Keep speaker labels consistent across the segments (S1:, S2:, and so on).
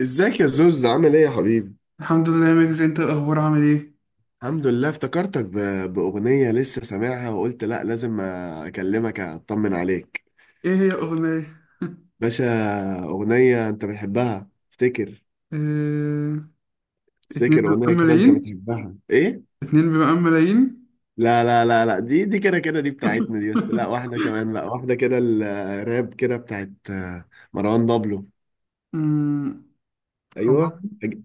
S1: ازيك يا زوز، عامل ايه يا حبيبي؟
S2: الحمد لله يا ميكس، انت الاخبار عامل ايه؟
S1: الحمد لله، افتكرتك باغنيه لسه سامعها وقلت لا، لازم اكلمك اطمن عليك.
S2: ايه هي الاغنيه؟
S1: باشا، اغنيه انت بتحبها افتكر.
S2: اه... اتنين
S1: افتكر
S2: بيبقى
S1: اغنيه كده انت
S2: ملايين.
S1: بتحبها ايه؟
S2: اتنين بيبقى ملايين.
S1: لا لا لا لا، دي كده كده دي بتاعتنا دي، بس لا، واحده كمان بقى، واحده كده الراب كده بتاعت مروان بابلو.
S2: امم هما.
S1: ايوه،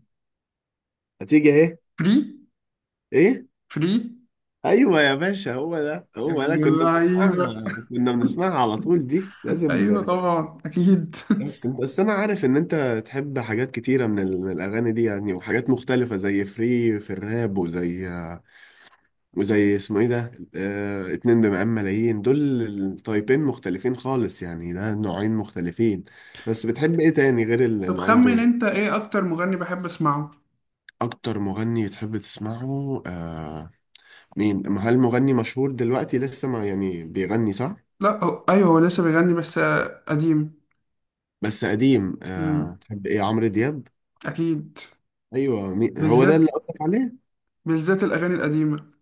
S1: هتيجي اهي.
S2: فري.
S1: ايه؟
S2: فري.
S1: ايوه يا باشا، هو ده
S2: يا
S1: هو ده
S2: ابن
S1: كنا بنسمعها.
S2: اللعيبه.
S1: كنا بنسمعها على طول، دي لازم.
S2: ايوه طبعا اكيد.
S1: بس انت بس انا عارف ان انت تحب حاجات كتيره من الاغاني دي يعني، وحاجات مختلفه زي فري في الراب، وزي اسمه ايه ده؟ اه... اتنين بمقام ملايين دول، التايبين مختلفين خالص، يعني ده نوعين مختلفين. بس بتحب ايه تاني غير
S2: طب
S1: النوعين
S2: خمن
S1: دول؟
S2: انت، ايه اكتر مغني بحب اسمعه؟
S1: اكتر مغني تحب تسمعه. مين ما هل مغني مشهور دلوقتي لسه ما يعني بيغني، صح؟
S2: لا هو... ايوه، هو لسه بيغني بس قديم.
S1: بس قديم.
S2: امم
S1: تحب ايه، عمرو دياب؟
S2: اكيد.
S1: ايوه، هو ده اللي
S2: بالذات.
S1: قصدك عليه؟
S2: بالذات الاغاني القديمه.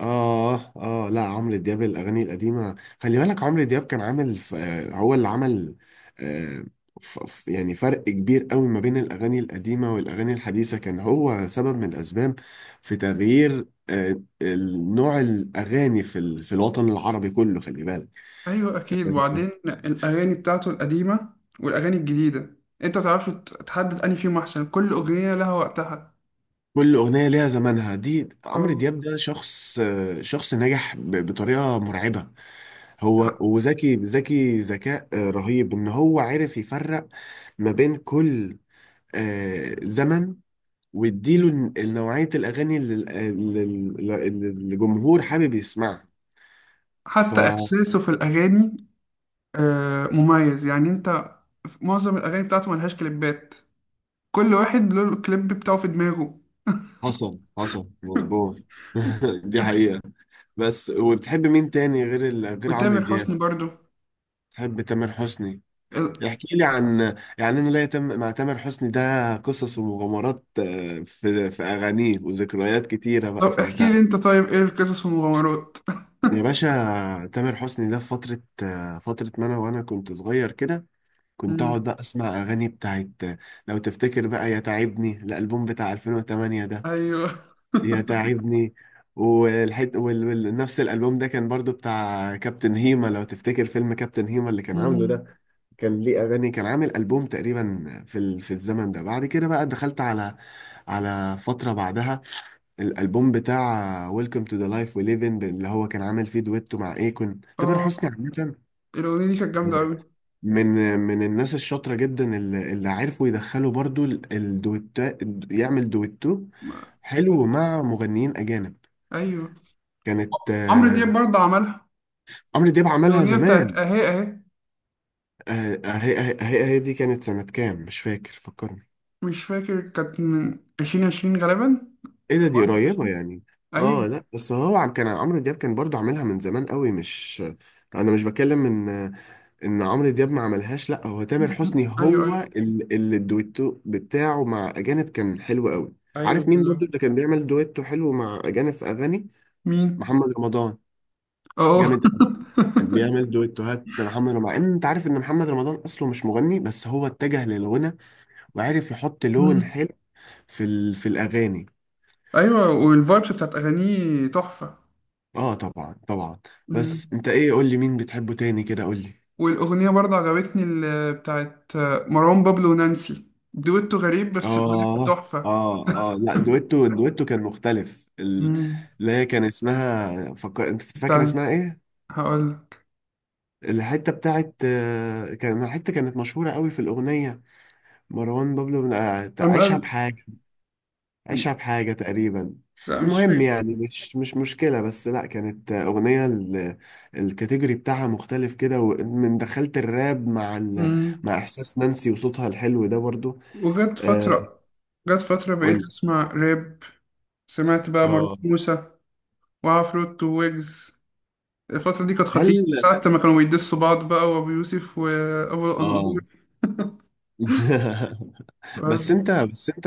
S1: لا، عمرو دياب الأغاني القديمة. خلي بالك عمرو دياب كان عامل ف- آه، هو اللي عمل آه، يعني فرق كبير قوي ما بين الأغاني القديمة والأغاني الحديثة، كان هو سبب من الأسباب في تغيير نوع الأغاني في في الوطن العربي كله، خلي
S2: ايوه اكيد.
S1: بالك.
S2: وبعدين الاغاني بتاعته القديمه والاغاني الجديده، انت متعرفش تحدد انهي فيهم احسن. كل اغنيه لها وقتها.
S1: كل أغنية ليها زمانها. دي عمرو
S2: أو-
S1: دياب ده شخص، شخص ناجح بطريقة مرعبة. هو وذكي، ذكي ذكاء رهيب، إن هو عرف يفرق ما بين كل زمن، ويديله نوعية الأغاني اللي ال- اللي اللي الجمهور حابب يسمعها.
S2: حتى
S1: فحصل
S2: احساسه في الاغاني مميز. يعني انت في معظم الاغاني بتاعته ملهاش كليبات، كل واحد له الكليب بتاعه في دماغه.
S1: حصل مظبوط. دي حقيقة. بس، وبتحب مين تاني غير غير عمرو
S2: وتامر
S1: دياب؟
S2: حسني برضو.
S1: بتحب تامر حسني؟
S2: ال-
S1: احكي لي عن، يعني انا ليا مع تامر حسني ده قصص ومغامرات، في اغانيه وذكريات كتيره بقى.
S2: طب احكي
S1: فانت
S2: لي انت، طيب ايه القصص والمغامرات؟
S1: يا باشا، تامر حسني ده في فتره، فتره ما انا وانا كنت صغير كده. كنت اقعد
S2: مم.
S1: بقى اسمع اغاني بتاعت. لو تفتكر بقى يا تعبني، الالبوم بتاع 2008 ده،
S2: ايوه.
S1: يا تعبني نفس الالبوم ده كان برضو بتاع كابتن هيما، لو تفتكر فيلم كابتن هيما اللي كان عامله
S2: مم.
S1: ده، كان ليه اغاني، كان عامل البوم تقريبا في في الزمن ده. بعد كده بقى دخلت على فتره بعدها، الالبوم بتاع ويلكم تو ذا لايف وي ليف ان، اللي هو كان عامل فيه دويتو مع ايكون. تامر
S2: اه،
S1: حسني عامه
S2: الاغنيه دي كانت جامده قوي.
S1: من الناس الشاطره جدا، اللي, اللي عرفوا يدخلوا برضو الدويتو، يعمل دويتو حلو مع مغنيين اجانب.
S2: ايوه
S1: كانت
S2: عمرو دياب
S1: آه،
S2: برضه عملها.
S1: عمرو دياب عملها
S2: الأغنية
S1: زمان.
S2: بتاعت أهي أهي.
S1: هي دي كانت سنه كام؟ مش فاكر، فكرني.
S2: مش فاكر، كانت من عشرين عشرين غالبا
S1: ايه
S2: أو
S1: ده؟ دي قريبة
S2: 21.
S1: يعني. اه
S2: أيوه.
S1: لا، بس كان عمرو دياب كان برضو عاملها من زمان قوي، مش، انا مش بكلم ان عمرو دياب ما عملهاش، لا هو تامر حسني
S2: أيوه
S1: هو
S2: أيوه.
S1: اللي الدويتو بتاعه مع اجانب كان حلو قوي.
S2: أيوه
S1: عارف مين برضو اللي
S2: بالظبط.
S1: كان بيعمل دويتو حلو مع اجانب في اغاني؟
S2: مين؟
S1: محمد رمضان.
S2: أه.
S1: جامد قوي، كان بيعمل دويتوهات محمد رمضان، مع ان انت عارف ان محمد رمضان اصله مش مغني، بس هو اتجه للغنى، وعرف يحط لون
S2: مم.
S1: حلو في في الاغاني.
S2: أيوه، والفايبس بتاعت أغانيه تحفة.
S1: اه طبعا طبعا.
S2: مم.
S1: بس انت ايه، قول لي مين بتحبه تاني كده، قول لي.
S2: والأغنية برضه عجبتني اللي بتاعت مروان بابلو ونانسي. دويتو غريب بس الأغنية كانت تحفة.
S1: اه لا، دويتو كان مختلف،
S2: مم.
S1: اللي هي كان اسمها، فكر انت، فاكر
S2: استنى،
S1: اسمها ايه؟
S2: هقول لك.
S1: الحته بتاعت كان حته كانت مشهوره قوي في الاغنيه، مروان بابلو
S2: لما
S1: عيشها
S2: قال.
S1: بحاجه، أشعب حاجة تقريبا.
S2: لا مش
S1: المهم يعني مش مشكلة، بس لأ، كانت أغنية الكاتيجوري بتاعها مختلف كده، ومن دخلت الراب مع
S2: فاكر.
S1: مع إحساس نانسي وصوتها الحلو ده برضو.
S2: وجت
S1: أه،
S2: فترة. جت فترة بقيت
S1: قولي.
S2: أسمع راب. سمعت بقى مروان
S1: اه.
S2: موسى وعفروت وويجز. الفترة دي كانت خطيرة
S1: هل
S2: ساعة لما كانوا بيدسوا بعض بقى، وأبو يوسف وأبو الأنقور.
S1: اه. بس
S2: عز-
S1: انت بس انت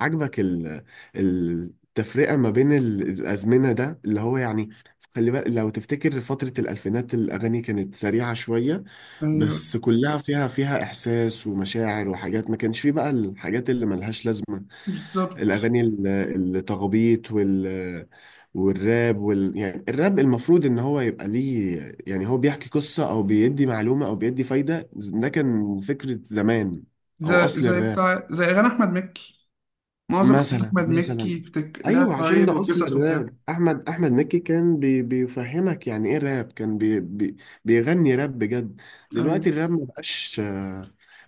S1: عاجبك التفرقه ما بين الازمنه ده، اللي هو، يعني خلي بالك، لو تفتكر فتره الالفينات الاغاني كانت سريعه شويه،
S2: أيوه
S1: بس كلها فيها احساس ومشاعر وحاجات، ما كانش فيه بقى الحاجات اللي ملهاش لازمه،
S2: بالظبط.
S1: الاغاني التخبيط والراب يعني الراب المفروض ان هو يبقى ليه، يعني هو بيحكي قصه او بيدي معلومه او بيدي فايده. ده كان فكره زمان، او
S2: زي
S1: اصل
S2: زي
S1: الراب.
S2: بتاع، زي أغاني أحمد مكي. معظم أغاني
S1: مثلا
S2: أحمد مكي
S1: مثلا.
S2: لها
S1: ايوه، عشان
S2: فوايد
S1: ده اصل
S2: وقصص وبتاع.
S1: الراب. احمد مكي كان بيفهمك يعني ايه راب، كان بي بي بيغني راب بجد. دلوقتي الراب ما بقاش،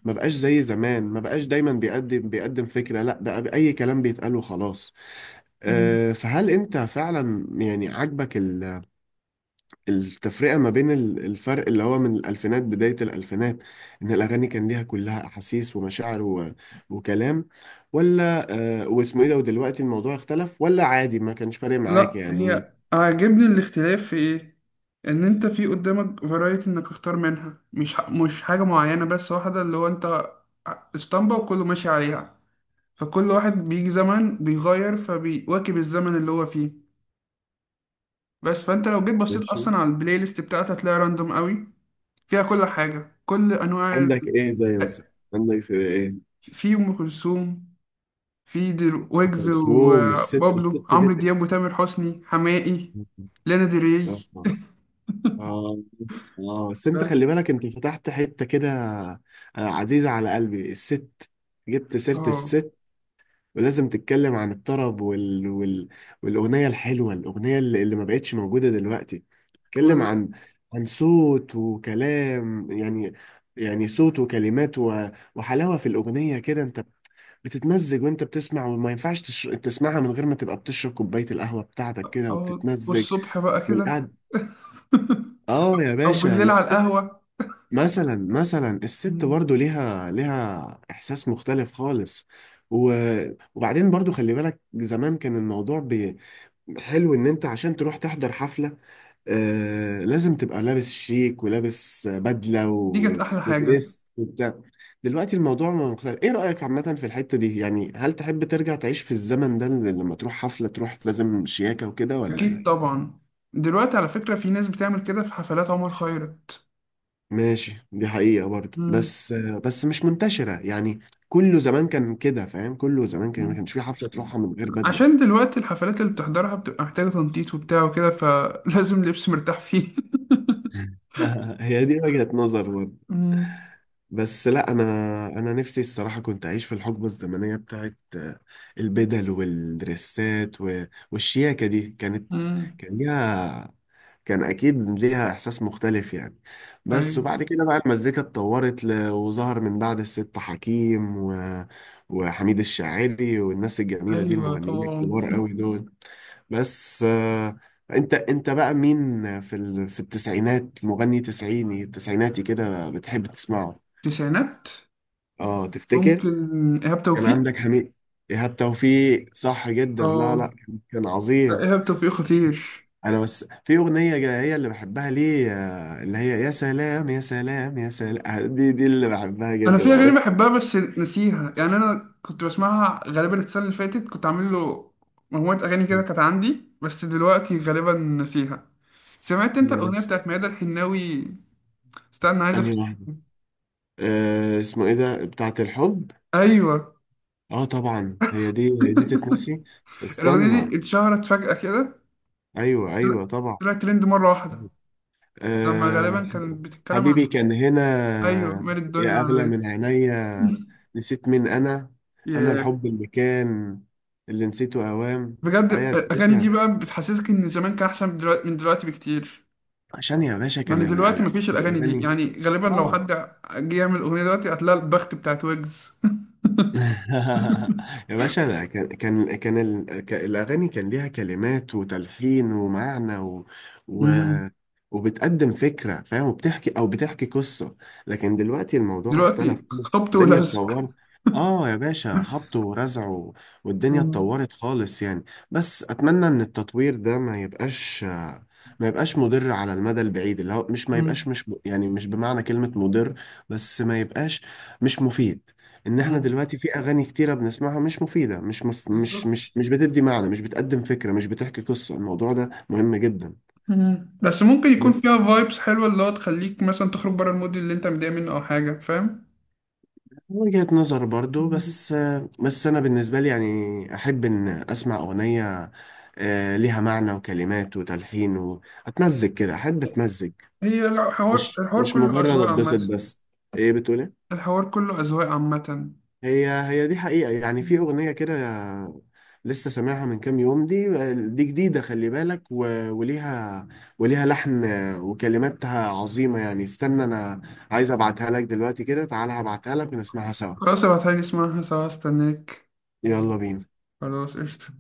S1: ما بقاش زي زمان، ما بقاش دايما بيقدم، فكرة. لا، بقى اي كلام بيتقال وخلاص.
S2: أيوه.
S1: فهل انت فعلا يعني عاجبك التفرقة ما بين الفرق اللي هو من الألفينات، بداية الألفينات، إن الأغاني كان ليها كلها أحاسيس ومشاعر وكلام، ولا واسمه إيه ده، ودلوقتي الموضوع اختلف، ولا عادي ما كانش فارق معاك
S2: لا،
S1: يعني؟
S2: هي عاجبني الاختلاف في ايه، ان انت في قدامك فرايتي انك تختار منها، مش مش حاجة معينة بس واحدة اللي هو انت اسطمبة وكله ماشي عليها. فكل واحد بيجي زمن بيغير فبيواكب الزمن اللي هو فيه. بس فانت لو جيت بصيت
S1: ماشي.
S2: اصلا على البلاي ليست بتاعتها هتلاقي راندوم قوي، فيها كل حاجة، كل انواع
S1: عندك إيه زي مثلا؟ عندك زي إيه؟
S2: في ام كلثوم، في
S1: أم
S2: ويجز
S1: كلثوم، الست
S2: وبابلو،
S1: الست
S2: عمرو
S1: دي.
S2: دياب وتامر حسني حماقي. لانا دري بس.
S1: آه آه بس أنت خلي بالك، أنت فتحت حتة كده، عزيزة على قلبي الست، جبت سيرة
S2: اه.
S1: الست، ولازم تتكلم عن الطرب والأغنية الحلوة، الأغنية اللي ما بقتش موجودة دلوقتي، تتكلم
S2: وال...
S1: عن صوت وكلام يعني، يعني صوت وكلمات وحلاوة في الأغنية كده. أنت بتتمزج وأنت بتسمع، وما ينفعش تسمعها من غير ما تبقى بتشرب كوباية القهوة بتاعتك كده،
S2: أو-
S1: وبتتمزج
S2: والصبح بقى كده.
S1: والقعد. يا
S2: او
S1: باشا.
S2: بالليل على القهوة.
S1: مثلا مثلا، الست
S2: مم.
S1: برضو ليها احساس مختلف خالص. و... وبعدين برضو، خلي بالك زمان كان الموضوع حلو ان انت عشان تروح تحضر حفلة، لازم تبقى لابس شيك، ولابس بدلة
S2: دي كانت احلى حاجة.
S1: ودريس وبتاع. دلوقتي الموضوع مختلف. ايه رأيك عامة في الحتة دي يعني، هل تحب ترجع تعيش في الزمن ده، لما تروح حفلة تروح لازم شياكة وكده ولا
S2: اكيد
S1: ايه؟
S2: طبعا. دلوقتي على فكرة في ناس بتعمل كده في حفلات عمر خيرت.
S1: ماشي، دي حقيقة برضو،
S2: مم.
S1: بس مش منتشرة يعني. كله زمان كان كده، فاهم؟ كله زمان كان ما
S2: مم.
S1: كانش في حفلة تروحها من غير
S2: عشان
S1: بدلة.
S2: دلوقتي الحفلات اللي بتحضرها بتبقى محتاجة تنطيط وبتاع وكده، فلازم لبس مرتاح فيه.
S1: هي دي وجهة نظر.
S2: مم.
S1: بس لا، انا نفسي الصراحه كنت اعيش في الحقبه الزمنيه بتاعت البدل والدريسات والشياكه، دي كانت،
S2: مم.
S1: كان ليها كان اكيد ليها احساس مختلف يعني. بس
S2: ايوه
S1: وبعد كده بقى المزيكا اتطورت وظهر من بعد الست حكيم وحميد الشاعري والناس الجميله دي،
S2: ايوه
S1: المغنيين
S2: طبعا.
S1: الكبار قوي دول. بس، انت بقى مين في في التسعينات، مغني تسعيني تسعيناتي كده بتحب تسمعه؟
S2: تسعينات.
S1: اه تفتكر.
S2: ممكن. ايهاب
S1: كان
S2: توفيق.
S1: عندك حميد. ايهاب توفيق، صح جدا، لا لا،
S2: اه
S1: كان
S2: لا،
S1: عظيم.
S2: ايهاب توفيق خطير.
S1: انا بس في اغنيه هي اللي بحبها ليه، اللي هي يا سلام يا سلام يا سلام، دي اللي بحبها
S2: انا في
S1: جدا،
S2: اغاني
S1: عرفت؟
S2: بحبها بس نسيها يعني. انا كنت بسمعها غالبا السنه اللي فاتت، كنت عامل له مجموعه اغاني كده كانت عندي، بس دلوقتي غالبا نسيها. سمعت انت الاغنيه
S1: ماشي،
S2: بتاعت ميادة الحناوي؟ استنى، عايز
S1: انهي
S2: افتكر.
S1: واحده؟ اسمه ايه ده، بتاعه الحب؟
S2: ايوه.
S1: اه طبعا، هي دي تتنسي.
S2: الاغنيه
S1: استنى.
S2: دي اتشهرت فجاه كده.
S1: ايوه
S2: طلع-
S1: ايوه طبعا.
S2: طلعت ترند مره واحده. لما
S1: أه.
S2: غالبا كانت بتتكلم عن.
S1: حبيبي كان هنا،
S2: ايوه مال الدنيا
S1: يا أغلى
S2: عليا.
S1: من عينيا، نسيت مين أنا، أنا
S2: ياه.
S1: الحب اللي كان، اللي نسيته أوام.
S2: بجد
S1: أيوة يا
S2: الاغاني دي
S1: باشا.
S2: بقى بتحسسك ان زمان كان احسن من دلوقتي، من دلوقتي بكتير.
S1: عشان يا باشا،
S2: يعني دلوقتي
S1: كان
S2: مفيش الاغاني دي،
S1: الأغاني.
S2: يعني غالبا لو
S1: آه.
S2: حد جه يعمل اغنيه دلوقتي هتلاقي البخت بتاعت ويجز.
S1: يا باشا، ده الأغاني كان ليها كلمات وتلحين ومعنى و...
S2: مم.
S1: وبتقدم فكرة، فاهم، وبتحكي أو بتحكي قصة. لكن دلوقتي الموضوع
S2: دلوقتي
S1: اختلف خالص،
S2: خبط
S1: الدنيا
S2: ولزق.
S1: اتطورت. يا باشا، خبط ورزع والدنيا
S2: مم.
S1: اتطورت خالص يعني. بس أتمنى إن التطوير ده ما يبقاش مضر على المدى البعيد، اللي هو مش، ما يبقاش
S2: مم.
S1: مش يعني، مش بمعنى كلمة مضر، بس ما يبقاش مش مفيد، ان احنا
S2: مم.
S1: دلوقتي في اغاني كتيره بنسمعها مش مفيده، مش مف... مش
S2: بالظبط.
S1: مش مش بتدي معنى، مش بتقدم فكره، مش بتحكي قصه. الموضوع ده مهم جدا.
S2: مم. بس ممكن يكون
S1: بس
S2: فيها فايبس حلوه اللي هو تخليك مثلا تخرج بره المود اللي انت متضايق منه او حاجه، فاهم.
S1: وجهة نظر برضو،
S2: مم.
S1: بس، بس انا بالنسبه لي يعني، احب ان اسمع اغنيه ليها معنى وكلمات وتلحين، واتمزج كده، احب اتمزج،
S2: هي الحوار،
S1: مش
S2: الحوار
S1: مش
S2: كله
S1: مجرد
S2: اذواق
S1: اتبسط
S2: عامه.
S1: بس. ايه بتقولي؟
S2: الحوار كله اذواق عامه.
S1: هي دي حقيقة يعني. في
S2: مم.
S1: أغنية كده لسه سامعها من كام يوم دي، دي جديدة خلي بالك، وليها وليها لحن، وكلماتها عظيمة يعني. استنى أنا عايز أبعتها لك دلوقتي كده، تعالى هبعتها لك ونسمعها سوا.
S2: خلاص ابعتها لي، اسمعها سوا، استناك.
S1: يلا بينا.
S2: خلاص قشطة.